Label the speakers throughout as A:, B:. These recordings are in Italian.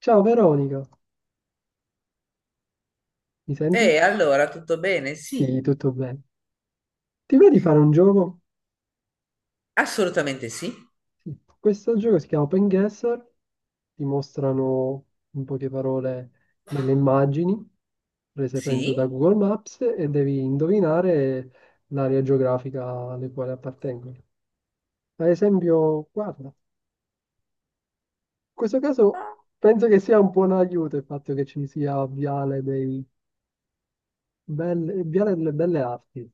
A: Ciao Veronica, mi senti?
B: E allora, tutto bene? Sì,
A: Sì, tutto bene. Ti va di fare un gioco?
B: assolutamente sì.
A: Sì. Questo gioco si chiama Open Guesser, ti mostrano in poche parole delle immagini prese penso da
B: Sì.
A: Google Maps e devi indovinare l'area geografica alle quali appartengono. Ad esempio, guarda, in questo caso penso che sia un buon aiuto il fatto che ci sia Viale delle Belle Arti.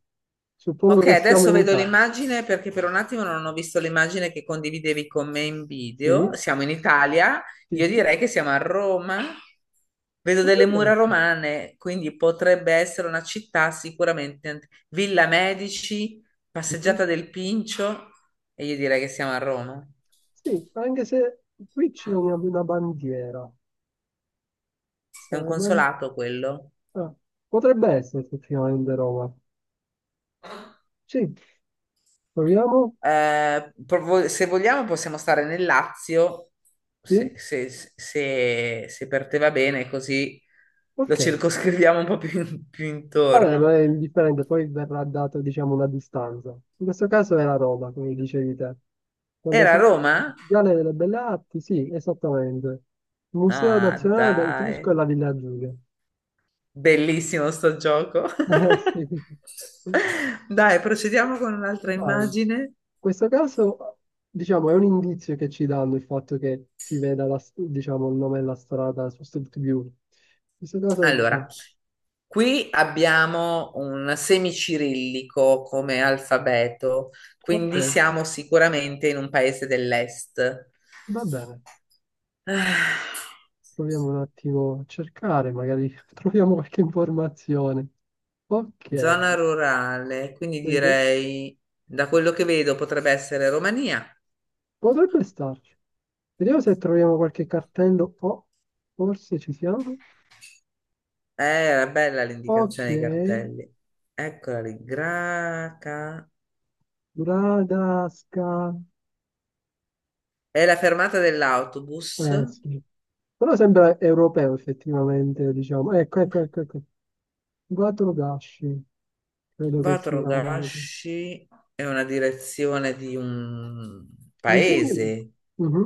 A: Suppongo
B: Ok,
A: che siamo
B: adesso
A: in
B: vedo
A: Italia.
B: l'immagine perché per un attimo non ho visto l'immagine che condividevi con me in video.
A: Sì,
B: Siamo in Italia,
A: sì,
B: io
A: sì.
B: direi che siamo a Roma. Vedo delle
A: Potrebbe
B: mura
A: essere.
B: romane, quindi potrebbe essere una città sicuramente. Villa Medici,
A: Mhm.
B: passeggiata del Pincio, e io direi che siamo a Roma.
A: Sì, anche se qui c'è una bandiera. Sta
B: È un
A: la ban-
B: consolato quello.
A: ah, potrebbe essere effettivamente Roma. Sì, proviamo?
B: Se vogliamo possiamo stare nel Lazio, se,
A: Sì?
B: se- se per te va bene, così lo
A: Ok.
B: circoscriviamo un po' più, più
A: Vabbè, non
B: intorno.
A: è indifferente, poi verrà data, diciamo, una distanza. In questo caso era Roma, come dicevi te. Con
B: Era a
A: l'esattezza il
B: Roma?
A: Viale delle Belle Arti, sì, esattamente. Museo
B: Ah,
A: Nazionale dell'Etrusco e
B: dai,
A: la Villa Giulia.
B: bellissimo sto gioco.
A: Eh sì.
B: Dai, procediamo con un'altra
A: Vai. In
B: immagine.
A: questo caso, diciamo, è un indizio che ci danno il fatto che si veda diciamo, il nome della strada su Street View. In questo caso, diciamo,
B: Allora, qui abbiamo un semicirillico come alfabeto,
A: ok,
B: quindi siamo sicuramente in un paese dell'est.
A: va bene,
B: Ah,
A: proviamo un attimo a cercare, magari troviamo qualche informazione.
B: Zona
A: Ok,
B: rurale, quindi
A: dico,
B: direi, da quello che vedo, potrebbe essere Romania.
A: potrebbe starci. Vediamo se troviamo qualche cartello. Oh, forse ci siamo.
B: Era bella
A: Ok,
B: l'indicazione dei cartelli. Eccola lì, Graca.
A: Bradasca.
B: È la fermata dell'autobus.
A: Eh sì. Però sembra europeo effettivamente, diciamo. Ecco, ecco, ecco, ecco. Quattro gasci, credo che sia.
B: Vatrogashi è una direzione di un
A: L'integno.
B: paese.
A: Mhm.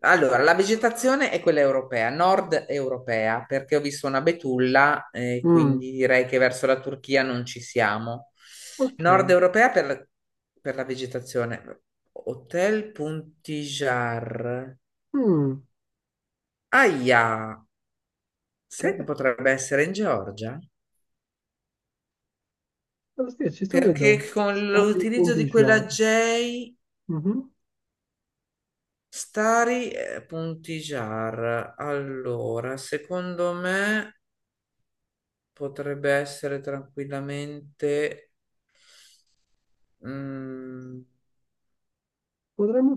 B: Allora, la vegetazione è quella europea, nord europea, perché ho visto una betulla,
A: Mm,
B: quindi direi che verso la Turchia non ci siamo. Nord
A: ok.
B: europea per la vegetazione. Hotel Puntijar.
A: Mm,
B: Aia, sai che
A: che...
B: potrebbe essere in Georgia?
A: Allora, sì, ci sto pensando.
B: Perché con l'utilizzo di quella
A: Staripuntigiar.
B: J
A: Mhm.
B: Stari punti jar. Allora, secondo me potrebbe essere tranquillamente. mm,
A: Potremmo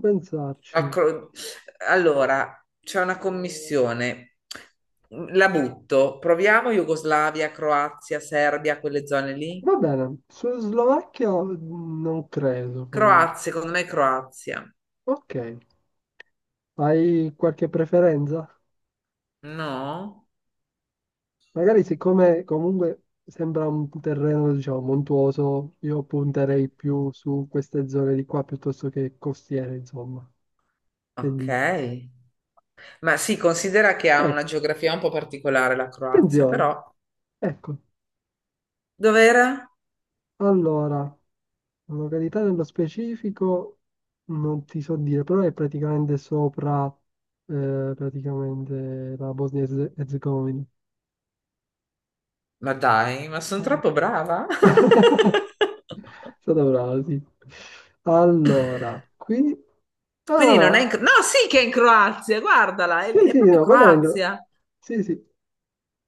B: la
A: pensarci.
B: cro- allora, c'è una commissione. La butto. Proviamo Jugoslavia, Croazia, Serbia, quelle zone lì.
A: Va bene. Su Slovacchia non credo, comunque.
B: Croazia, secondo me è Croazia.
A: Ok. Hai qualche preferenza?
B: No?
A: Magari siccome comunque sembra un terreno, diciamo, montuoso, io punterei più su queste zone di qua piuttosto che costiere, insomma. Che
B: Ok.
A: dici?
B: Ma si considera che ha una
A: Ecco,
B: geografia un po' particolare la Croazia,
A: attenzione.
B: però.
A: Ecco,
B: Dov'era?
A: allora, località nello specifico non ti so dire, però è praticamente sopra, praticamente la Bosnia e Erzegovina.
B: Ma dai, ma sono troppo brava?
A: È stata brava, sì. Allora, qui...
B: Quindi non è in...
A: Ah,
B: No, sì che è in Croazia, guardala, è,
A: sì,
B: è
A: sì,
B: proprio
A: no, quella era in.
B: Croazia.
A: Sì, sì. In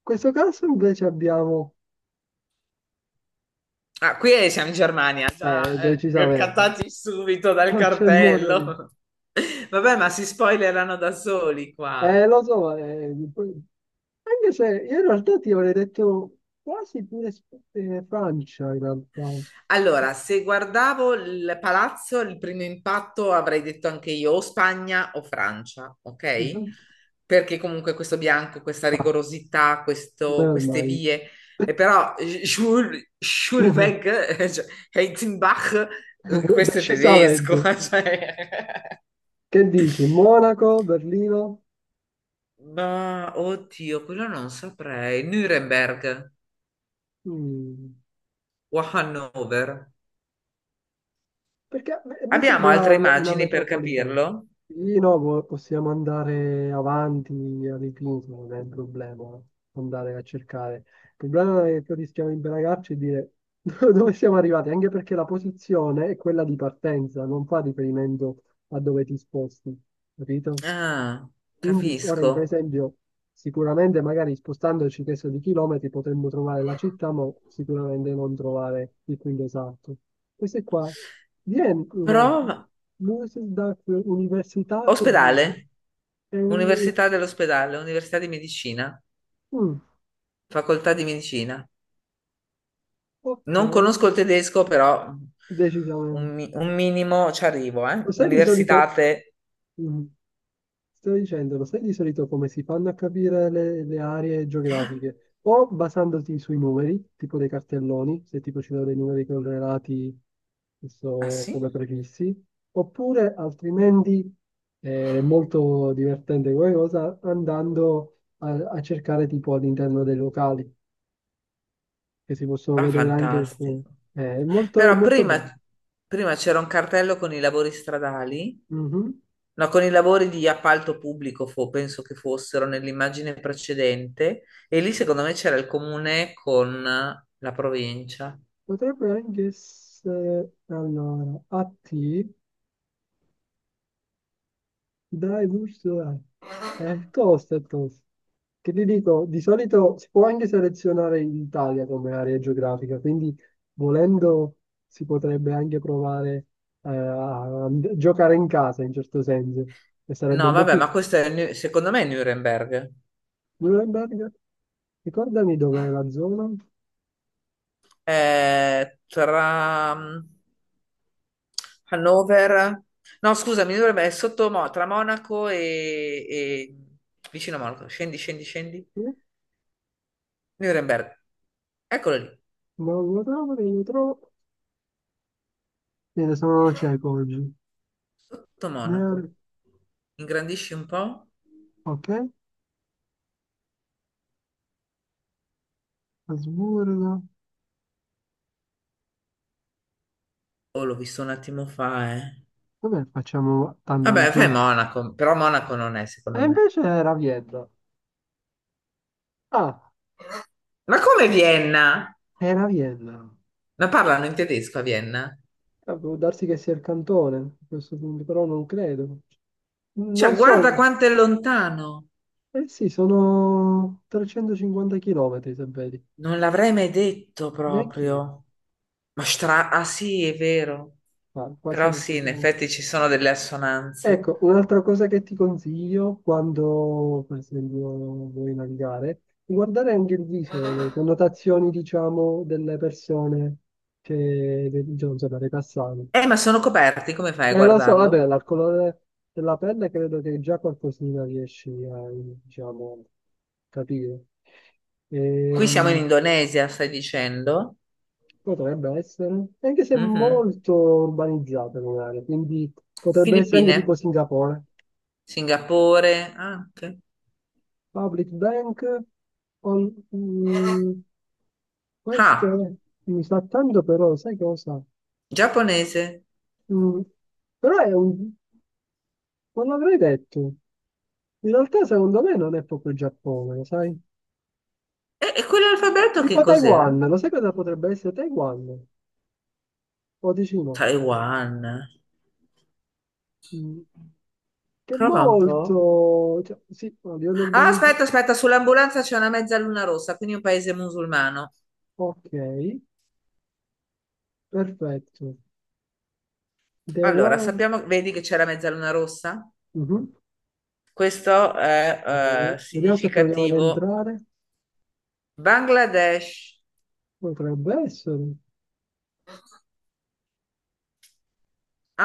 A: questo caso invece abbiamo...
B: Ah, siamo in Germania, già
A: Decisamente.
B: cattati subito dal
A: Non c'è modo di...
B: cartello. Vabbè, ma si spoilerano da soli qua.
A: Lo so, poi- anche se io in realtà ti avrei detto quasi pure Francia, in realtà.
B: Allora, se guardavo il palazzo, il primo impatto avrei detto anche io o Spagna o Francia, ok?
A: Mhm.
B: Perché comunque questo bianco, questa rigorosità,
A: Never
B: queste
A: mind.
B: vie, e però Jules, Jules Weg, cioè, Heizenbach, questo è
A: Decisamente.
B: tedesco, cioè.
A: Che dici? Monaco, Berlino?
B: Ma oddio, quello non saprei. Nuremberg
A: Mm.
B: o Hannover.
A: Perché a me
B: Abbiamo
A: sembra
B: altre
A: una
B: immagini per
A: metropolitana.
B: capirlo?
A: Lì no, possiamo andare avanti all'infinito, non è un problema andare a cercare. Il problema è che rischiamo di imbragarci e dire dove siamo arrivati, anche perché la posizione è quella di partenza, non fa riferimento a dove ti sposti, capito?
B: Ah,
A: Quindi ora, in per
B: capisco.
A: esempio, sicuramente magari spostandoci questo di chilometri potremmo trovare la città, ma sicuramente non trovare il punto esatto. Questo è qua. Viene, no,
B: Prova.
A: Musikdag Universitat di Vienna.
B: Ospedale,
A: È un...
B: Università dell'ospedale, Università di Medicina,
A: mm,
B: Facoltà di Medicina.
A: ok,
B: Non conosco il tedesco, però
A: decisamente.
B: un, un minimo ci arrivo,
A: Lo
B: eh.
A: sai di solito,
B: Universitate.
A: mm, sto dicendo, lo sai di solito come si fanno a capire le aree geografiche? O basandoti sui numeri, tipo dei cartelloni, se tipo ci sono dei numeri correlati che
B: Ah
A: so,
B: sì?
A: come prefissi, oppure altrimenti è molto divertente come cosa andando a cercare tipo all'interno dei locali, che si possono
B: Ah,
A: vedere anche alcune.
B: fantastico.
A: È
B: Però
A: molto
B: prima,
A: bello.
B: prima c'era un cartello con i lavori stradali,
A: Mhm.
B: no, con i lavori di appalto pubblico, penso che fossero nell'immagine precedente, e lì secondo me c'era il comune con la provincia.
A: Potrebbe anche essere allora a te dai gusto a- è tosta, è tosta. Che ti dico, di solito si può anche selezionare l'Italia come area geografica, quindi volendo si potrebbe anche provare a giocare in casa in certo senso, e sarebbe
B: No,
A: un po'
B: vabbè,
A: più.
B: ma questo è, secondo me è Nuremberg.
A: Nuremberg, ricordami dov'è la zona?
B: È tra Hannover, no, scusami, dovrebbe essere sotto tra Monaco vicino a Monaco. Scendi, scendi, scendi.
A: Eh?
B: Nuremberg. Eccolo lì,
A: No, non lo trovo, non lo trovo. Bene, sono cieco oggi.
B: sotto
A: Neuro-
B: Monaco. Ingrandisci un po'?
A: Ok, Asburgo.
B: Oh, l'ho visto un attimo fa, eh.
A: Vabbè, facciamo tanto alla
B: Vabbè, fai
A: fine.
B: Monaco, però Monaco non è,
A: E
B: secondo me.
A: invece era Vienna. Ah,
B: Ma come Vienna?
A: era Vienna.
B: Ma parlano in tedesco a Vienna?
A: Può darsi che sia il cantone a questo punto, però non credo. Non
B: Cioè, guarda
A: so.
B: quanto è lontano.
A: Eh sì, sono 350 chilometri, se vedi.
B: Non l'avrei mai detto
A: Neanche
B: proprio. Ma stra... Ah sì, è vero.
A: qua, qua
B: Però
A: siamo
B: sì, in
A: proprio...
B: effetti ci sono delle assonanze.
A: Ecco, un'altra cosa che ti consiglio quando, per esempio, vuoi navigare, guardare anche il viso, le connotazioni, diciamo, delle persone che, diciamo, dei passanti.
B: Ma sono coperti, come fai a
A: Lo so, vabbè,
B: guardarlo?
A: dal colore della pelle credo che già qualcosina riesci a, diciamo, capire.
B: Qui siamo in
A: Ehm,
B: Indonesia, stai dicendo?
A: potrebbe essere, anche se
B: Mhm.
A: molto urbanizzata magari, quindi potrebbe essere anche
B: Filippine,
A: tipo Singapore.
B: Singapore, anche.
A: Public Bank, on- mm, questo
B: Ah,
A: è- mi sa tanto però, sai cosa?
B: giapponese.
A: Mm, però è un, non l'avrei detto. In realtà secondo me non è proprio il Giappone, sai?
B: E quell'alfabeto che
A: Tipo
B: cos'era?
A: Taiwan, lo sai cosa potrebbe essere Taiwan? O dici no?
B: Taiwan.
A: Mm. Che è
B: Prova un po'.
A: molto... Cioè, sì, a livello
B: Ah,
A: urbanizzato.
B: aspetta, aspetta, sull'ambulanza c'è una mezzaluna rossa, quindi un paese musulmano.
A: Ok, perfetto.
B: Allora,
A: Taiwan.
B: sappiamo, vedi che c'è la mezzaluna rossa?
A: Mhm.
B: Questo è
A: Vediamo se proviamo ad
B: significativo.
A: entrare.
B: Bangladesh,
A: Potrebbe essere.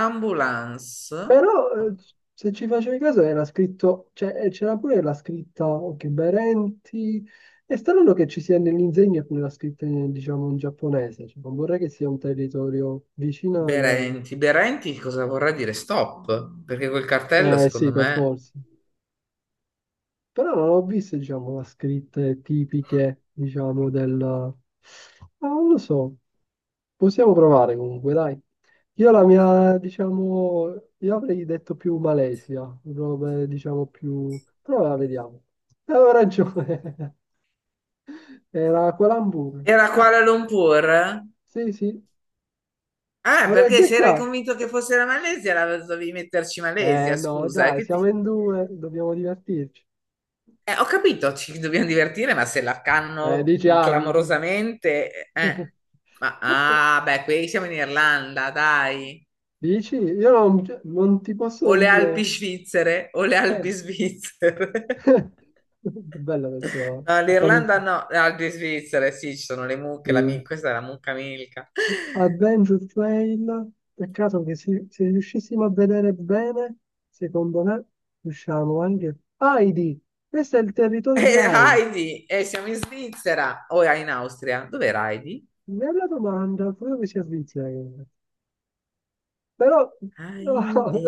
B: ambulance,
A: Però, se ci facevi caso, era scritto... Cioè, c'era pure la scritta, ok, Berenti. È strano che ci sia nell'insegna pure la scritta, in, diciamo, in giapponese. Cioè, non vorrei che sia un territorio vicino al...
B: Berenti. Berenti cosa vorrà dire? Stop, perché quel cartello
A: Eh sì,
B: secondo
A: per
B: me
A: forza. Però non ho visto, diciamo, la scritte tipiche, diciamo, del... Ah, non lo so. Possiamo provare comunque, dai. Io la mia, diciamo, io avrei detto più Malesia, robe, diciamo, più... Però la vediamo. Avevo ragione. Era Kuala Lumpur.
B: era Kuala Lumpur.
A: Sì, sì.
B: Ah,
A: Avrei
B: perché se eri
A: azzeccato.
B: convinto che fosse la Malesia, l'avevi dovevi metterci Malesia,
A: Eh no,
B: scusa,
A: dai,
B: che ti...
A: siamo in due, dobbiamo divertirci.
B: Ho capito, ci dobbiamo divertire, ma se l'arcano
A: Dici, ah, dici.
B: clamorosamente, eh. Ma ah, beh, qui siamo in Irlanda, dai.
A: Dici? Io non, cioè, non ti
B: O
A: posso
B: le Alpi
A: dire.
B: svizzere o le
A: Eh.
B: Alpi svizzere.
A: Bella questa,
B: No,
A: questa
B: l'Irlanda
A: multa.
B: no, le Alpi svizzere, sì, ci sono le mucche,
A: Sì.
B: questa è la mucca Milka.
A: Adventure Trail. Peccato che se, se riuscissimo a vedere bene, secondo me, riusciamo anche. Heidi, questo è il territorio di
B: E
A: Heidi.
B: Heidi, e siamo in Svizzera o in Austria. Dov'era Heidi?
A: Bella domanda, credo che sia Svizzera. Però no,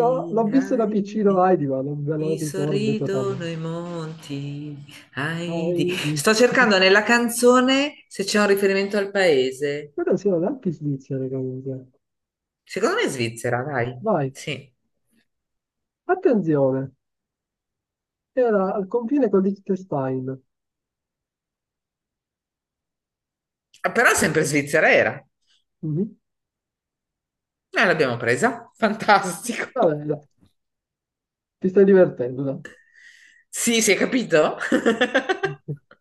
A: no, l'ho visto da piccino
B: Heidi.
A: Heidi, ma non ve lo
B: Mi
A: ricordo
B: sorridono
A: totalmente.
B: i monti,
A: Heidi.
B: sto cercando nella canzone se c'è un riferimento al paese.
A: Però sono anche svizzere comunque.
B: Secondo me è Svizzera, dai.
A: Vai.
B: Sì.
A: Attenzione, era al confine con Liechtenstein.
B: Ah, però sempre Svizzera era.
A: Mhm.
B: Noi l'abbiamo presa. Fantastico.
A: Vabbè, dai, ti stai divertendo, dai.
B: Sì, si è capito?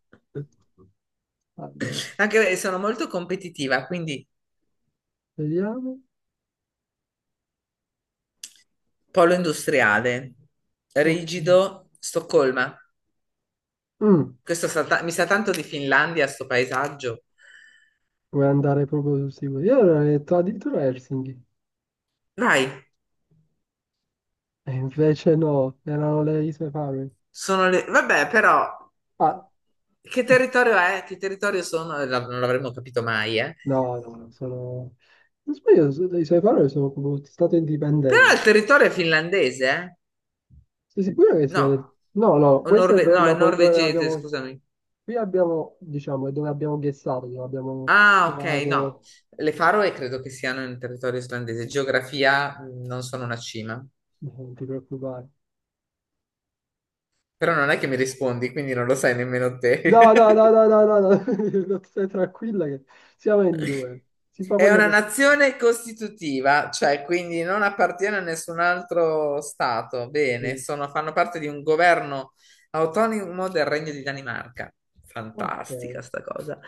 A: Allora,
B: Anche perché sono molto competitiva, quindi
A: vediamo.
B: polo industriale,
A: Ok.
B: rigido, Stoccolma.
A: Mm,
B: Questo mi sa tanto di Finlandia, sto paesaggio.
A: vuoi andare proprio sul sicuro? Io ero detto addirittura Helsinki.
B: Vai.
A: E invece no, erano le Isole Faroe.
B: Sono le... Vabbè, però,
A: Ah,
B: che territorio è? Che territorio sono? Non l'avremmo capito mai, eh.
A: no, no, sono... Non sbaglio, le Isole Faroe sono come stati
B: Però
A: indipendenti.
B: il territorio è finlandese, eh?
A: Sei sicuro che sia...
B: No.
A: detto? No, no, questa è dove,
B: No, è
A: la, dove
B: norvegese,
A: abbiamo...
B: scusami.
A: Qui abbiamo, diciamo, è dove abbiamo guessato, dove abbiamo
B: Ah, ok, no.
A: trovato...
B: Le Faroe credo che siano in territorio islandese. Geografia, non sono una cima.
A: No, non ti preoccupare.
B: Però non è che mi rispondi, quindi non lo sai nemmeno te.
A: No, no, no, no, no, no, no. Stai tranquilla che siamo in due. Si fa
B: È
A: quello
B: una
A: che si può.
B: nazione costitutiva, cioè quindi non appartiene a nessun altro stato. Bene,
A: Sì.
B: fanno parte di un governo autonomo del Regno di Danimarca.
A: Ok.
B: Fantastica sta cosa.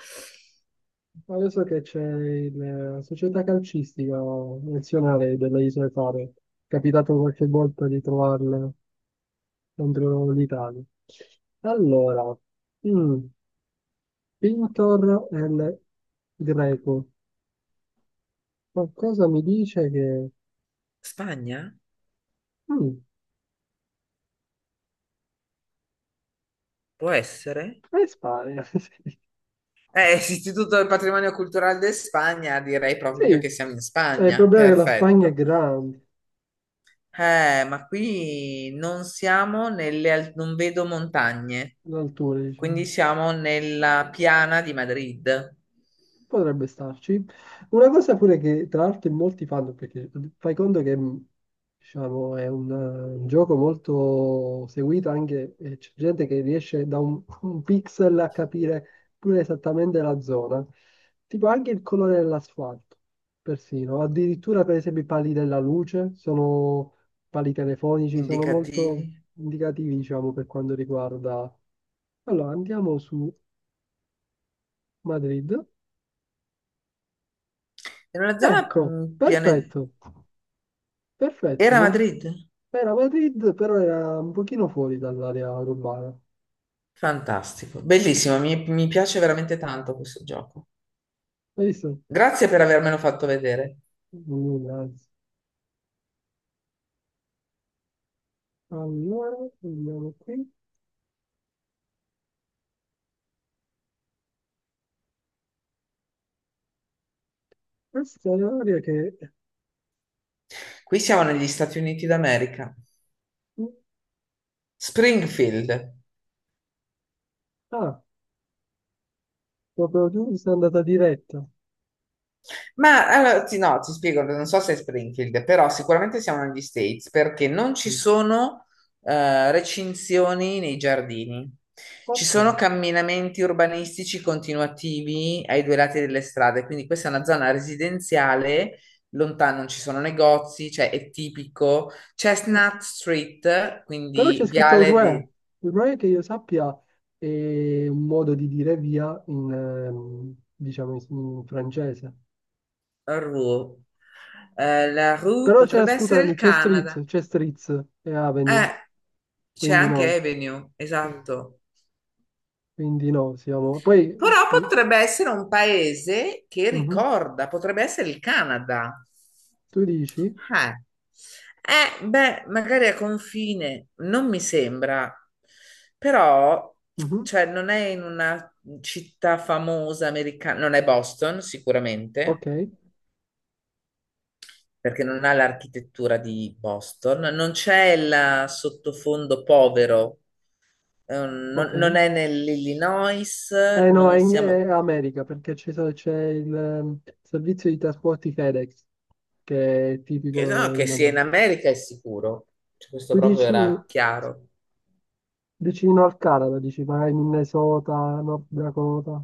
A: Ma adesso che c'è la società calcistica nazionale delle Isole Faro, è capitato qualche volta di trovarle contro l'Italia. Allora, mm, Pintor è il greco. Qualcosa mi dice che...
B: Spagna?
A: Mm,
B: Può essere?
A: è Spagna.
B: Istituto del Patrimonio Culturale di Spagna, direi
A: Sì,
B: proprio che siamo in
A: eh, il
B: Spagna.
A: problema è che la Spagna è
B: Perfetto.
A: grande,
B: Ma qui non siamo nelle, non vedo montagne,
A: l'altura,
B: quindi
A: diciamo.
B: siamo nella piana di Madrid.
A: Potrebbe starci. Una cosa pure che tra l'altro molti fanno, perché fai conto che diciamo, è un gioco molto seguito anche, c'è gente che riesce da un pixel a capire pure esattamente la zona, tipo anche il colore dell'asfalto, persino, addirittura per esempio i pali della luce, sono pali telefonici, sono
B: Indicativi.
A: molto indicativi, diciamo, per quanto riguarda... Allora, andiamo su Madrid.
B: Era una zona
A: Ecco,
B: piane...
A: perfetto. Perfetto,
B: Era
A: non-
B: Madrid?
A: era Madrid, però era un pochino fuori dall'area urbana.
B: Fantastico, bellissimo, mi piace veramente tanto questo gioco.
A: Hai visto?
B: Grazie per avermelo fatto vedere.
A: Mm, anzi. Allora, andiamo qui. Questa è un'area che...
B: Qui siamo negli Stati Uniti d'America. Springfield.
A: Ah, proprio tu sei andata diretta.
B: Ma allora, ti, no, ti spiego, non so se è Springfield, però sicuramente siamo negli States perché non ci sono recinzioni nei giardini, ci
A: Ok.
B: sono camminamenti urbanistici continuativi ai due lati delle strade, quindi questa è una zona residenziale, lontano non ci sono negozi, cioè è tipico. Chestnut Street,
A: Però c'è
B: quindi
A: scritto
B: viale
A: re.
B: di
A: Il re, che io sappia, è un modo di dire via in, diciamo, in francese.
B: Rue. La Rue
A: Però c'è,
B: potrebbe essere
A: scusami,
B: il
A: c'è street,
B: Canada.
A: c'è streets e avenue,
B: Eh, c'è
A: quindi
B: anche
A: no.
B: Avenue,
A: Eh,
B: esatto.
A: quindi no, siamo... Poi,
B: Però potrebbe essere un paese che
A: mhm,
B: ricorda, potrebbe essere il Canada.
A: tu dici?
B: Eh, Eh, beh, magari a confine, non mi sembra, però,
A: Mhm,
B: cioè, non è in una città famosa americana, non è Boston
A: ok,
B: sicuramente, perché non ha l'architettura di Boston, non c'è il sottofondo povero. Non
A: ok.
B: non è nell'Illinois,
A: Eh no, è,
B: non
A: in, è
B: siamo...
A: America, perché c'è il servizio di trasporti FedEx, che è tipico
B: Che, no, che
A: in
B: sia in
A: America.
B: America è sicuro. Cioè, questo
A: Tu
B: proprio
A: dici
B: era chiaro.
A: vicino al Canada, dici magari Minnesota, North Dakota?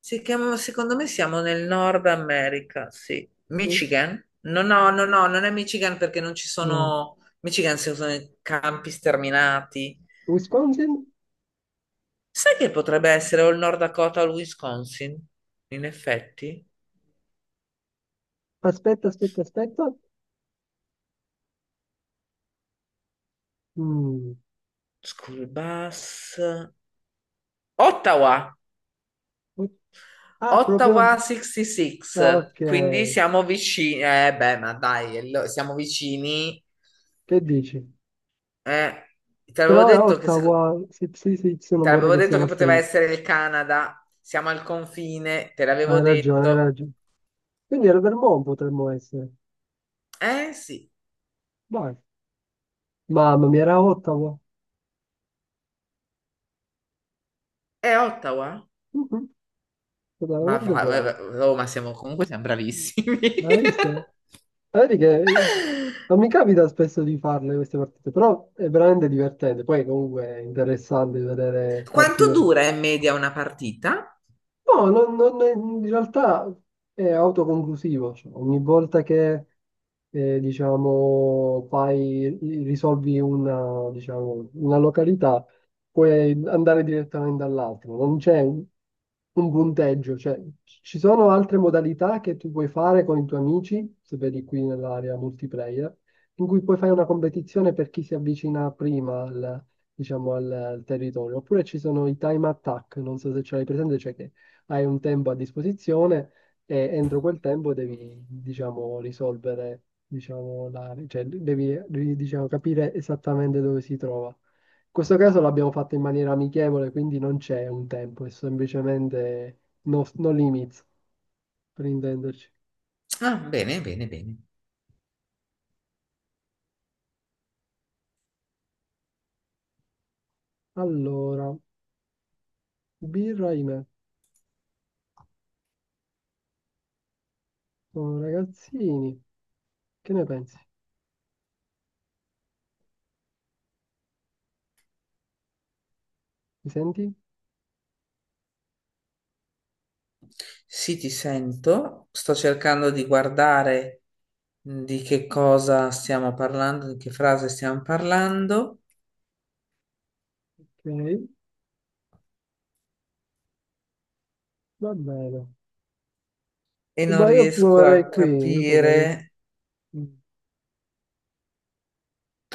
B: Secondo me siamo nel Nord America, sì.
A: Sì?
B: Michigan? No, no, no, no, non è Michigan perché non ci
A: No.
B: sono... Michigan si usano i campi sterminati.
A: Wisconsin?
B: Sai che potrebbe essere o il Nord Dakota o il Wisconsin? In effetti.
A: Aspetta, aspetta, aspetta. Mm.
B: School bus. Ottawa!
A: Ah, proprio...
B: Ottawa
A: Ah,
B: 66,
A: ok,
B: quindi siamo vicini. Beh, ma dai, siamo vicini.
A: che dici?
B: Eh, te l'avevo
A: Però è
B: detto che, se-
A: Ottawa, sì, sì, sì, sì, non
B: Te
A: vorrei
B: l'avevo
A: che sia
B: detto che
A: la
B: poteva
A: street.
B: essere il Canada. Siamo al confine, te l'avevo
A: Hai ragione, hai
B: detto.
A: ragione. Quindi era Vermont potremmo essere.
B: Eh sì,
A: Vai. Mamma mia, era Ottawa.
B: è Ottawa.
A: Mhm,
B: Ma
A: veramente
B: va,
A: bravo.
B: oh, ma siamo comunque siamo bravissimi.
A: L'hai vista? Vedi che non mi capita spesso di farle queste partite, però è veramente divertente. Poi comunque è interessante vedere
B: Quanto
A: partite.
B: dura in media una partita?
A: No, non- non è- in realtà è autoconclusivo, cioè, ogni volta che diciamo, fai, risolvi una, diciamo, una località, puoi andare direttamente all'altro, non c'è un punteggio, cioè, ci sono altre modalità che tu puoi fare con i tuoi amici, se vedi qui nell'area multiplayer, in cui puoi fare una competizione per chi si avvicina prima al, diciamo, al, al territorio, oppure ci sono i time attack, non so se ce l'hai presente, cioè che hai un tempo a disposizione e entro quel tempo devi, diciamo, risolvere, diciamo, la, cioè devi, diciamo, capire esattamente dove si trova. In questo caso l'abbiamo fatto in maniera amichevole, quindi non c'è un tempo, è semplicemente no, no limits, per intenderci.
B: Ah, bene, bene, bene.
A: Allora, birra e me, sono ragazzini, che ne pensi? Mi senti?
B: Sì, ti sento. Sto cercando di guardare di che cosa stiamo parlando, di che frase stiamo parlando
A: Ok, va bene.
B: e non
A: Ma io
B: riesco
A: proverei
B: a
A: qui, io proverei...
B: capire.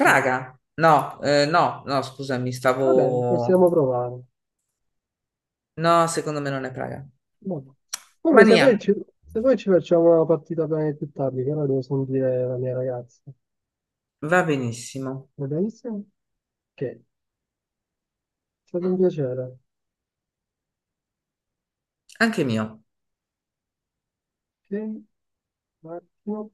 A: qui.
B: No, no, no, scusami,
A: Va bene,
B: stavo...
A: possiamo provare.
B: No, secondo me non è Praga.
A: No. Comunque, se poi,
B: Romania,
A: ci, se poi ci facciamo una partita bene più tardi, che ora devo sentire la mia ragazza,
B: va benissimo.
A: va benissimo? Ok, è stato un piacere.
B: Anche mio.
A: Ok, un attimo.